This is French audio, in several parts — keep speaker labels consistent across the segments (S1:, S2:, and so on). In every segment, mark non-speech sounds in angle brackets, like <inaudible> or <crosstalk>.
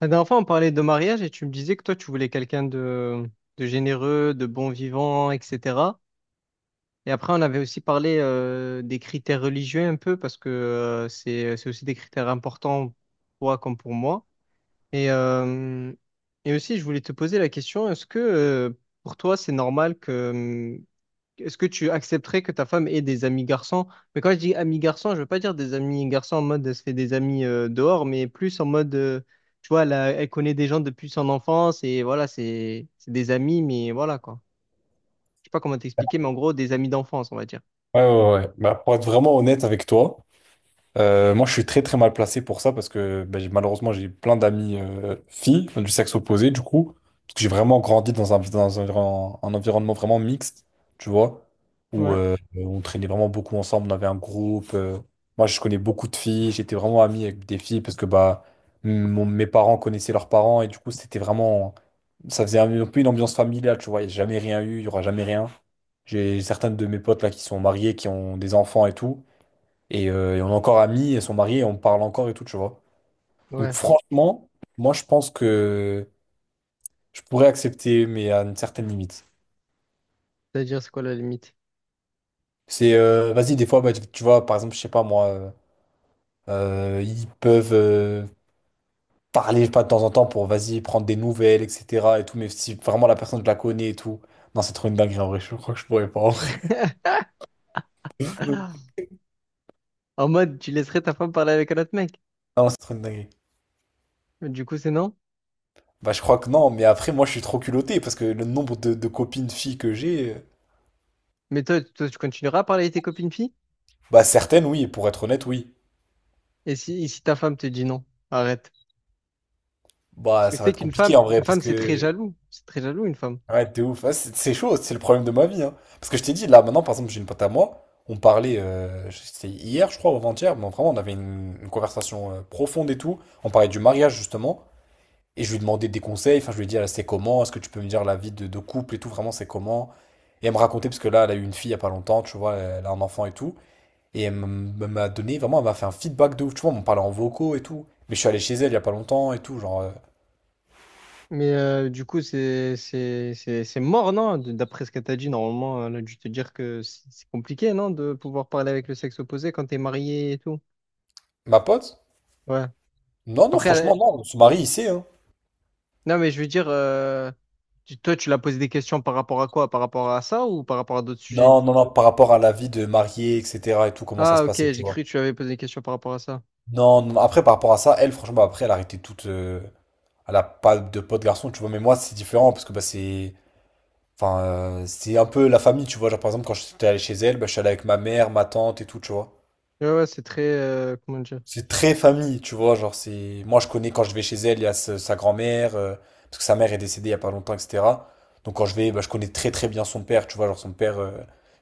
S1: La dernière fois, on parlait de mariage et tu me disais que toi, tu voulais quelqu'un de généreux, de bon vivant, etc. Et après, on avait aussi parlé des critères religieux un peu parce que c'est aussi des critères importants pour toi comme pour moi. Et, euh, et aussi, je voulais te poser la question, est-ce que pour toi, c'est normal que est-ce que tu accepterais que ta femme ait des amis garçons? Mais quand je dis amis garçons, je veux pas dire des amis garçons en mode elle se fait des amis dehors, mais plus en mode, tu vois, elle, elle connaît des gens depuis son enfance et voilà, c'est des amis, mais voilà quoi. Je sais pas comment t'expliquer, mais en gros, des amis d'enfance, on va dire.
S2: Ouais, ouais, ouais. Bah, pour être vraiment honnête avec toi, moi, je suis très très mal placé pour ça parce que ben, malheureusement, j'ai plein d'amis filles enfin, du sexe opposé, du coup, parce que j'ai vraiment grandi dans un, un environnement vraiment mixte, tu vois, où
S1: Ouais.
S2: on traînait vraiment beaucoup ensemble, on avait un groupe. Moi, je connais beaucoup de filles, j'étais vraiment ami avec des filles parce que bah, mes parents connaissaient leurs parents et du coup, c'était vraiment. Ça faisait un peu une ambiance familiale, tu vois, il n'y a jamais rien eu, il n'y aura jamais rien. J'ai certaines de mes potes là qui sont mariées, qui ont des enfants et tout. Et on est encore amis, et sont mariées, et on parle encore et tout, tu vois. Donc
S1: Ouais,
S2: franchement, moi je pense que je pourrais accepter, mais à une certaine limite.
S1: c'est-à-dire c'est quoi la limite?
S2: C'est, vas-y, des fois, bah, tu vois, par exemple, je sais pas moi, ils peuvent parler, je sais pas, de temps en temps pour, vas-y, prendre des nouvelles, etc. et tout, mais si vraiment la personne, je la connais et tout. Non, c'est trop une dinguerie en vrai, je crois que je pourrais pas en vrai. <laughs>
S1: <laughs> En mode, tu laisserais ta femme parler avec un autre mec.
S2: Non, c'est trop une dinguerie.
S1: Du coup, c'est non.
S2: Bah, je crois que non, mais après, moi, je suis trop culotté parce que le nombre de copines filles que j'ai,
S1: Mais toi, tu continueras à parler avec tes copines filles?
S2: bah, certaines, oui, pour être honnête, oui.
S1: Et si ta femme te dit non, arrête. Parce
S2: Bah,
S1: que tu
S2: ça va
S1: sais
S2: être
S1: qu'une femme,
S2: compliqué en vrai,
S1: une
S2: parce
S1: femme, c'est très
S2: que.
S1: jaloux. C'est très jaloux, une femme.
S2: Ouais, t'es ouf. Ouais, c'est chaud, c'est le problème de ma vie, hein. Parce que je t'ai dit, là, maintenant, par exemple, j'ai une pote à moi. On parlait, c'était hier, je crois, ou avant-hier, mais vraiment, on avait une conversation profonde et tout. On parlait du mariage, justement. Et je lui demandais des conseils. Enfin, je lui ai dit, ah, c'est comment? Est-ce que tu peux me dire la vie de couple et tout? Vraiment, c'est comment? Et elle me racontait, parce que là, elle a eu une fille il y a pas longtemps, tu vois, elle a un enfant et tout. Et elle m'a donné, vraiment, elle m'a fait un feedback de ouf. Tu vois, on parlait en vocaux et tout. Mais je suis allé chez elle il y a pas longtemps et tout. Genre,
S1: Mais du coup, c'est mort, non? D'après ce que t'as dit, normalement, elle a dû te dire que c'est compliqué, non? De pouvoir parler avec le sexe opposé quand t'es marié et tout.
S2: ma pote.
S1: Ouais.
S2: Non, non,
S1: Après,
S2: franchement, non, on se marie, il sait, hein.
S1: non, mais je veux dire, toi, tu l'as posé des questions par rapport à quoi? Par rapport à ça ou par rapport à d'autres sujets?
S2: Non, non, non, par rapport à la vie de mariée, etc. et tout, comment ça se
S1: Ah, ok,
S2: passait, tu
S1: j'ai
S2: vois.
S1: cru que tu avais posé des questions par rapport à ça.
S2: Non, non, après, par rapport à ça, elle, franchement, après, elle a arrêté toute. Elle a pas de pote garçon, tu vois, mais moi, c'est différent parce que bah, c'est. Enfin, c'est un peu la famille, tu vois. Genre, par exemple, quand j'étais allé chez elle, bah, je suis allé avec ma mère, ma tante et tout, tu vois.
S1: Ouais, ouais, c'est très... comment dire?
S2: C'est très famille, tu vois. Genre, c'est. Moi, je connais quand je vais chez elle, il y a sa grand-mère, parce que sa mère est décédée il y a pas longtemps, etc. Donc, quand je vais, bah, je connais très, très bien son père, tu vois. Genre, son père,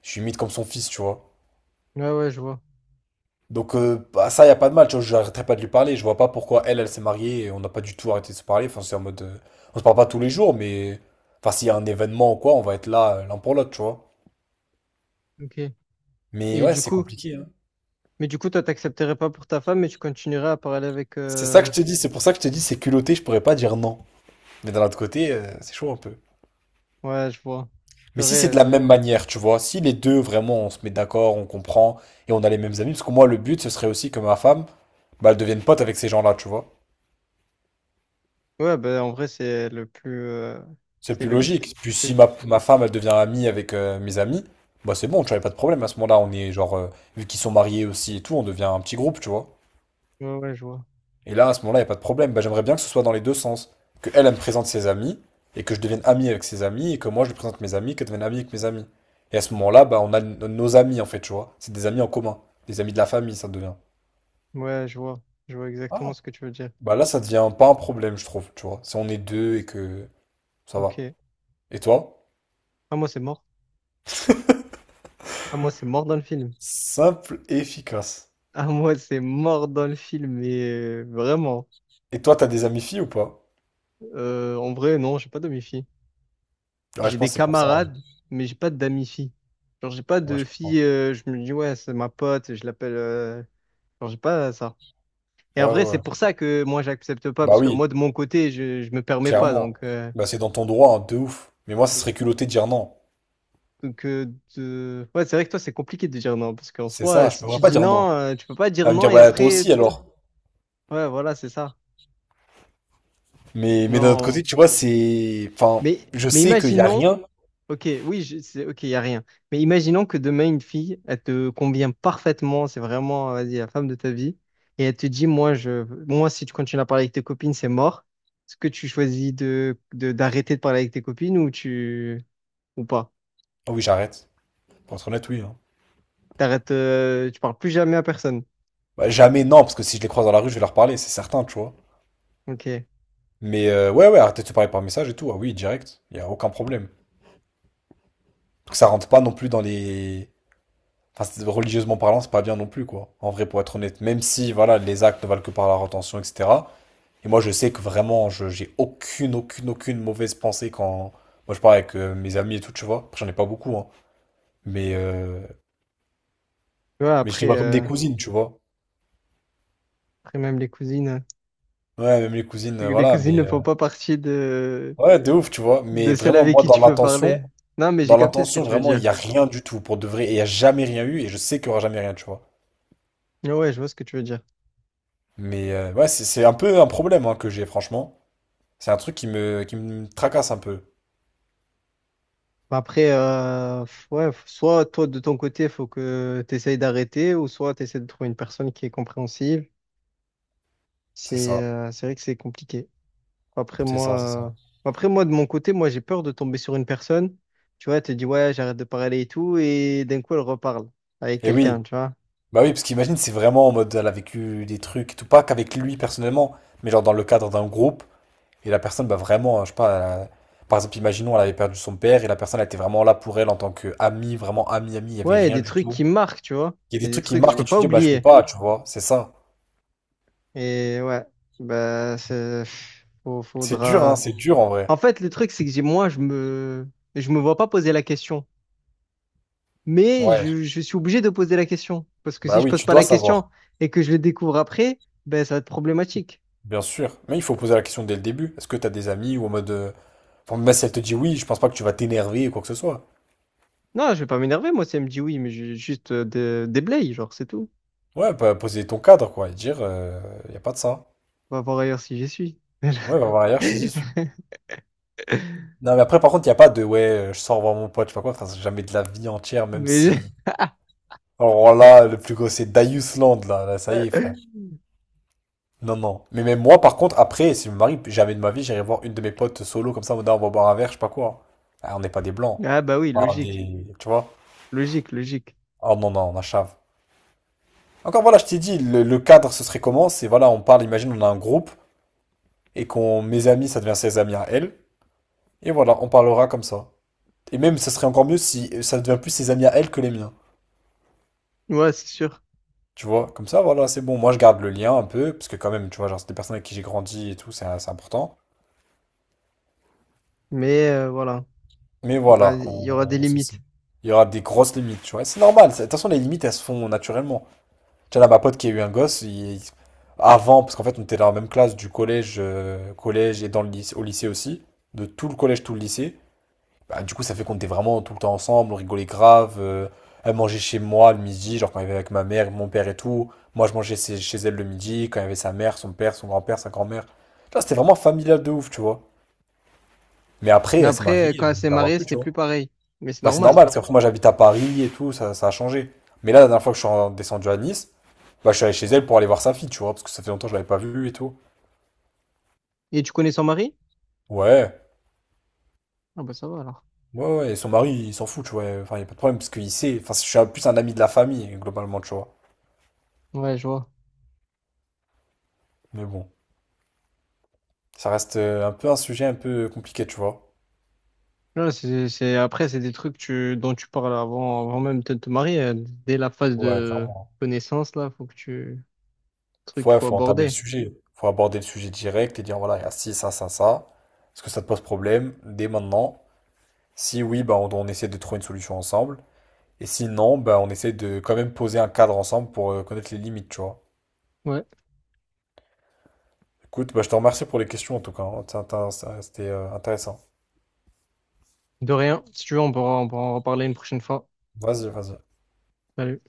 S2: je suis limite comme son fils, tu vois.
S1: Ouais, ouais, je vois.
S2: Donc bah, ça, il a pas de mal, tu vois, j'arrêterai pas de lui parler. Je vois pas pourquoi elle, elle s'est mariée et on n'a pas du tout arrêté de se parler. Enfin, c'est en mode, on se parle pas tous les jours, mais... enfin, s'il y a un événement ou quoi, on va être là l'un pour l'autre, tu vois.
S1: Ok.
S2: Mais
S1: Et
S2: ouais,
S1: du
S2: c'est
S1: coup,
S2: compliqué, hein.
S1: mais du coup, toi, t'accepterais pas pour ta femme, mais tu continuerais à parler avec...
S2: C'est ça que je te dis, c'est pour ça que je te dis, c'est culotté, je pourrais pas dire non. Mais d'un autre côté, c'est chaud un peu.
S1: Ouais, je vois. C'est
S2: Mais si c'est de
S1: vrai.
S2: la même manière, tu vois, si les deux, vraiment, on se met d'accord, on comprend, et on a les mêmes amis, parce que moi, le but, ce serait aussi que ma femme, bah, elle devienne pote avec ces gens-là, tu vois.
S1: Ouais, bah, en vrai, c'est le plus.
S2: C'est
S1: C'est
S2: plus
S1: le.
S2: logique. Puis si
S1: C'est-
S2: ma femme, elle devient amie avec mes amis, bah c'est bon, tu n'avais pas de problème. À ce moment-là, on est genre, vu qu'ils sont mariés aussi et tout, on devient un petit groupe, tu vois.
S1: Ouais, ouais, je vois.
S2: Et là, à ce moment-là, il a pas de problème. Bah, j'aimerais bien que ce soit dans les deux sens. Que elle, elle me présente ses amis, et que je devienne ami avec ses amis, et que moi, je lui présente mes amis, qu'elle devienne amie avec mes amis. Et à ce moment-là, bah, nos amis, en fait, tu vois. C'est des amis en commun. Des amis de la famille, ça devient.
S1: Ouais, je vois. Je vois exactement
S2: Ah,
S1: ce que tu veux dire.
S2: bah là, ça devient pas un problème, je trouve, tu vois. Si on est deux et que ça va.
S1: Ok.
S2: Et toi?
S1: Ah, moi, c'est mort. Ah, moi, c'est mort dans le film. <laughs>
S2: Simple et efficace.
S1: Ah, moi, c'est mort dans le film. Mais vraiment.
S2: Et toi, t'as des amis filles ou pas?
S1: En vrai, non, j'ai pas d'amis filles.
S2: Ouais, je
S1: J'ai des
S2: pense que c'est pour ça, hein.
S1: camarades, mais j'ai pas d'amis filles. Genre, j'ai pas
S2: Ouais,
S1: de
S2: je
S1: filles.
S2: comprends.
S1: Je me dis, ouais, c'est ma pote, je l'appelle. Genre, j'ai pas ça. Et
S2: Ouais,
S1: en vrai,
S2: ouais,
S1: c'est
S2: ouais.
S1: pour ça que moi, j'accepte pas,
S2: Bah
S1: parce que
S2: oui,
S1: moi, de mon côté, je me permets pas. Donc.
S2: clairement. Bah c'est dans ton droit, hein, de ouf. Mais moi, ça serait culotté de dire non.
S1: Donc, ouais, c'est vrai que toi, c'est compliqué de dire non, parce qu'en
S2: C'est
S1: soi,
S2: ça, je
S1: si tu
S2: pourrais pas
S1: dis
S2: dire non.
S1: non, tu peux pas
S2: Elle
S1: dire
S2: va me
S1: non
S2: dire,
S1: et
S2: bah toi
S1: après,
S2: aussi
S1: de tout...
S2: alors.
S1: ouais, voilà, c'est ça.
S2: Mais d'un autre côté,
S1: Non.
S2: tu vois, c'est... enfin,
S1: Mais,
S2: je
S1: mais
S2: sais qu'il y a
S1: imaginons,
S2: rien.
S1: ok, oui, c'est ok, il n'y a rien. Mais imaginons que demain, une fille, elle te convient parfaitement, c'est vraiment, vas-y, la femme de ta vie, et elle te dit, moi, je... moi, si tu continues à parler avec tes copines, c'est mort. Est-ce que tu choisis de, d'arrêter de parler avec tes copines ou tu, ou pas?
S2: Ah oui, j'arrête. Pour être honnête, oui, hein.
S1: T'arrêtes, tu parles plus jamais à personne.
S2: Bah jamais non, parce que si je les croise dans la rue, je vais leur parler, c'est certain, tu vois.
S1: Ok. Tu
S2: Mais ouais, ouais, arrêtez de se parler par message et tout. Ah oui, direct. Il y a aucun problème. Donc ça rentre pas non plus dans les... enfin, religieusement parlant, c'est pas bien non plus, quoi. En vrai, pour être honnête, même si, voilà, les actes ne valent que par la retention, etc. Et moi, je sais que vraiment, j'ai aucune, aucune, aucune mauvaise pensée quand. Moi, je parle avec mes amis et tout, tu vois. Après, j'en ai pas beaucoup, hein. Mais, euh,
S1: vois,
S2: mais je
S1: après.
S2: les vois comme des cousines, tu vois.
S1: Après, même les cousines.
S2: Ouais, même les cousines,
S1: Les
S2: voilà.
S1: cousines ne
S2: Mais,
S1: font pas partie
S2: ouais, de ouf, tu vois. Mais
S1: de celles
S2: vraiment,
S1: avec
S2: moi,
S1: qui tu peux parler. Non, mais j'ai
S2: dans
S1: capté ce que
S2: l'intention,
S1: tu veux
S2: vraiment, il
S1: dire.
S2: y a rien du tout, pour de vrai. Et il y a jamais rien eu, et je sais qu'il y aura jamais rien, tu vois.
S1: Ah ouais, je vois ce que tu veux dire.
S2: Mais, ouais, c'est un peu un problème, hein, que j'ai, franchement. C'est un truc qui me tracasse un peu.
S1: Bah, après, ouais, soit toi, de ton côté, faut que tu essayes d'arrêter, ou soit tu essaies de trouver une personne qui est compréhensive.
S2: C'est ça,
S1: C'est vrai que c'est compliqué.
S2: c'est ça, c'est ça.
S1: Après, moi, de mon côté, moi, j'ai peur de tomber sur une personne. Tu vois, elle te dit, ouais, j'arrête de parler et tout, et d'un coup, elle reparle avec
S2: Et
S1: quelqu'un,
S2: oui,
S1: tu vois.
S2: bah oui, parce qu'imagine, c'est vraiment en mode, elle a vécu des trucs, et tout pas qu'avec lui personnellement, mais genre dans le cadre d'un groupe, et la personne, bah vraiment, hein, je sais pas, par exemple, imaginons, elle avait perdu son père, et la personne, elle était vraiment là pour elle en tant qu'amie, vraiment amie, amie, il y avait
S1: Ouais, il y a
S2: rien
S1: des
S2: du
S1: trucs
S2: tout.
S1: qui marquent, tu vois.
S2: Il y a des
S1: Il y a des
S2: trucs qui
S1: trucs que tu
S2: marquent, et
S1: peux
S2: tu te
S1: pas
S2: dis, bah je peux
S1: oublier.
S2: pas, tu vois, c'est ça.
S1: Et ouais, bah, c'est,
S2: C'est dur, hein,
S1: faudra.
S2: c'est dur en
S1: En
S2: vrai.
S1: fait, le truc, c'est que moi, je me vois pas poser la question. Mais
S2: Ouais,
S1: je suis obligé de poser la question. Parce que si
S2: bah
S1: je
S2: oui,
S1: pose
S2: tu
S1: pas
S2: dois
S1: la
S2: savoir,
S1: question et que je le découvre après, ben, ça va être problématique.
S2: bien sûr. Mais il faut poser la question dès le début, est-ce que t'as des amis, ou en mode, enfin, même si elle te dit oui, je pense pas que tu vas t'énerver ou quoi que ce soit.
S1: Non, je vais pas m'énerver, moi, si elle me dit oui, mais juste des blayes, genre, c'est tout.
S2: Ouais, bah, poser ton cadre, quoi, et dire, il n'y a pas de ça.
S1: On va voir ailleurs si j'y suis.
S2: Ouais, va voir ailleurs si j'y suis.
S1: <laughs>
S2: Non, mais après, par contre, il n'y a pas de, ouais, je sors voir mon pote, je sais pas quoi, frère, c'est jamais de la vie entière, même
S1: Mais je-
S2: si. Alors là, le plus gros, c'est Darius Land, là, là, ça y est, frère. Non, non. Mais même moi, par contre, après, si je me marie, jamais de ma vie, j'irai voir une de mes potes solo, comme ça, en mode, ah, on va boire un verre, je sais pas quoi. Ah, on n'est pas des blancs.
S1: Ah, bah oui, logique.
S2: Tu vois?
S1: Logique, logique.
S2: Oh non, non, on a chave. Encore voilà, je t'ai dit, le cadre, ce serait comment? C'est voilà, on parle, imagine, on a un groupe, et qu'on, mes amis, ça devient ses amis à elle. Et voilà, on parlera comme ça. Et même, ça serait encore mieux si ça devient plus ses amis à elle que les miens.
S1: Ouais, c'est sûr.
S2: Tu vois, comme ça, voilà, c'est bon. Moi, je garde le lien un peu, parce que quand même, tu vois, genre, c'est des personnes avec qui j'ai grandi et tout, c'est important.
S1: Mais voilà,
S2: Mais
S1: il y aura
S2: voilà,
S1: il y aura des limites.
S2: il y aura des grosses limites, tu vois. De toute façon, les limites, elles se font naturellement. Tu vois, là, ma pote qui a eu un avant, parce qu'en fait, on était dans la même classe du collège, collège et dans le lycée, au lycée aussi, de tout le collège, tout le lycée. Bah, du coup, ça fait qu'on était vraiment tout le temps ensemble, on rigolait grave. Elle mangeait chez moi le midi, genre quand elle était avec ma mère, mon père et tout. Moi, je mangeais chez elle le midi, quand il y avait sa mère, son père, son grand-père, sa grand-mère. Là, c'était vraiment familial de ouf, tu vois. Mais après,
S1: Mais
S2: elle s'est
S1: après,
S2: mariée, je
S1: quand elle
S2: ne
S1: s'est
S2: la vois
S1: mariée,
S2: plus, tu
S1: c'était
S2: vois.
S1: plus pareil. Mais c'est
S2: Bah, c'est
S1: normal.
S2: normal, parce qu'après, moi, j'habite à Paris et tout, ça a changé. Mais là, la dernière fois que descendu à Nice, bah, je suis allé chez elle pour aller voir sa fille, tu vois, parce que ça fait longtemps que je l'avais pas vue et tout.
S1: Et tu connais son mari?
S2: Ouais,
S1: Ah bah ça va alors.
S2: ouais, ouais, et son mari, il s'en fout, tu vois. Enfin, il n'y a pas de problème, parce qu'il sait. Enfin, plus un ami de la famille, globalement, tu vois.
S1: Ouais, je vois.
S2: Mais bon. Ça reste un peu un sujet un peu compliqué, tu vois.
S1: Non, c'est, après, c'est des trucs tu, dont tu parles avant, avant même de te marier. Dès la phase
S2: Ouais,
S1: de
S2: clairement.
S1: connaissance, là, faut que tu... Truc qu'il
S2: Ouais,
S1: faut
S2: faut entamer le
S1: aborder.
S2: sujet. Faut aborder le sujet direct et dire voilà, il y a ci, ça, ça, ça. Est-ce que ça te pose problème dès maintenant? Si oui, bah, on essaie de trouver une solution ensemble. Et si non, bah, on essaie de quand même poser un cadre ensemble pour connaître les limites, tu vois.
S1: Ouais.
S2: Écoute, bah, je te remercie pour les questions en tout cas, hein. C'était intéressant.
S1: De rien. Si tu veux, on pourra en reparler une prochaine fois.
S2: Vas-y, vas-y.
S1: Salut.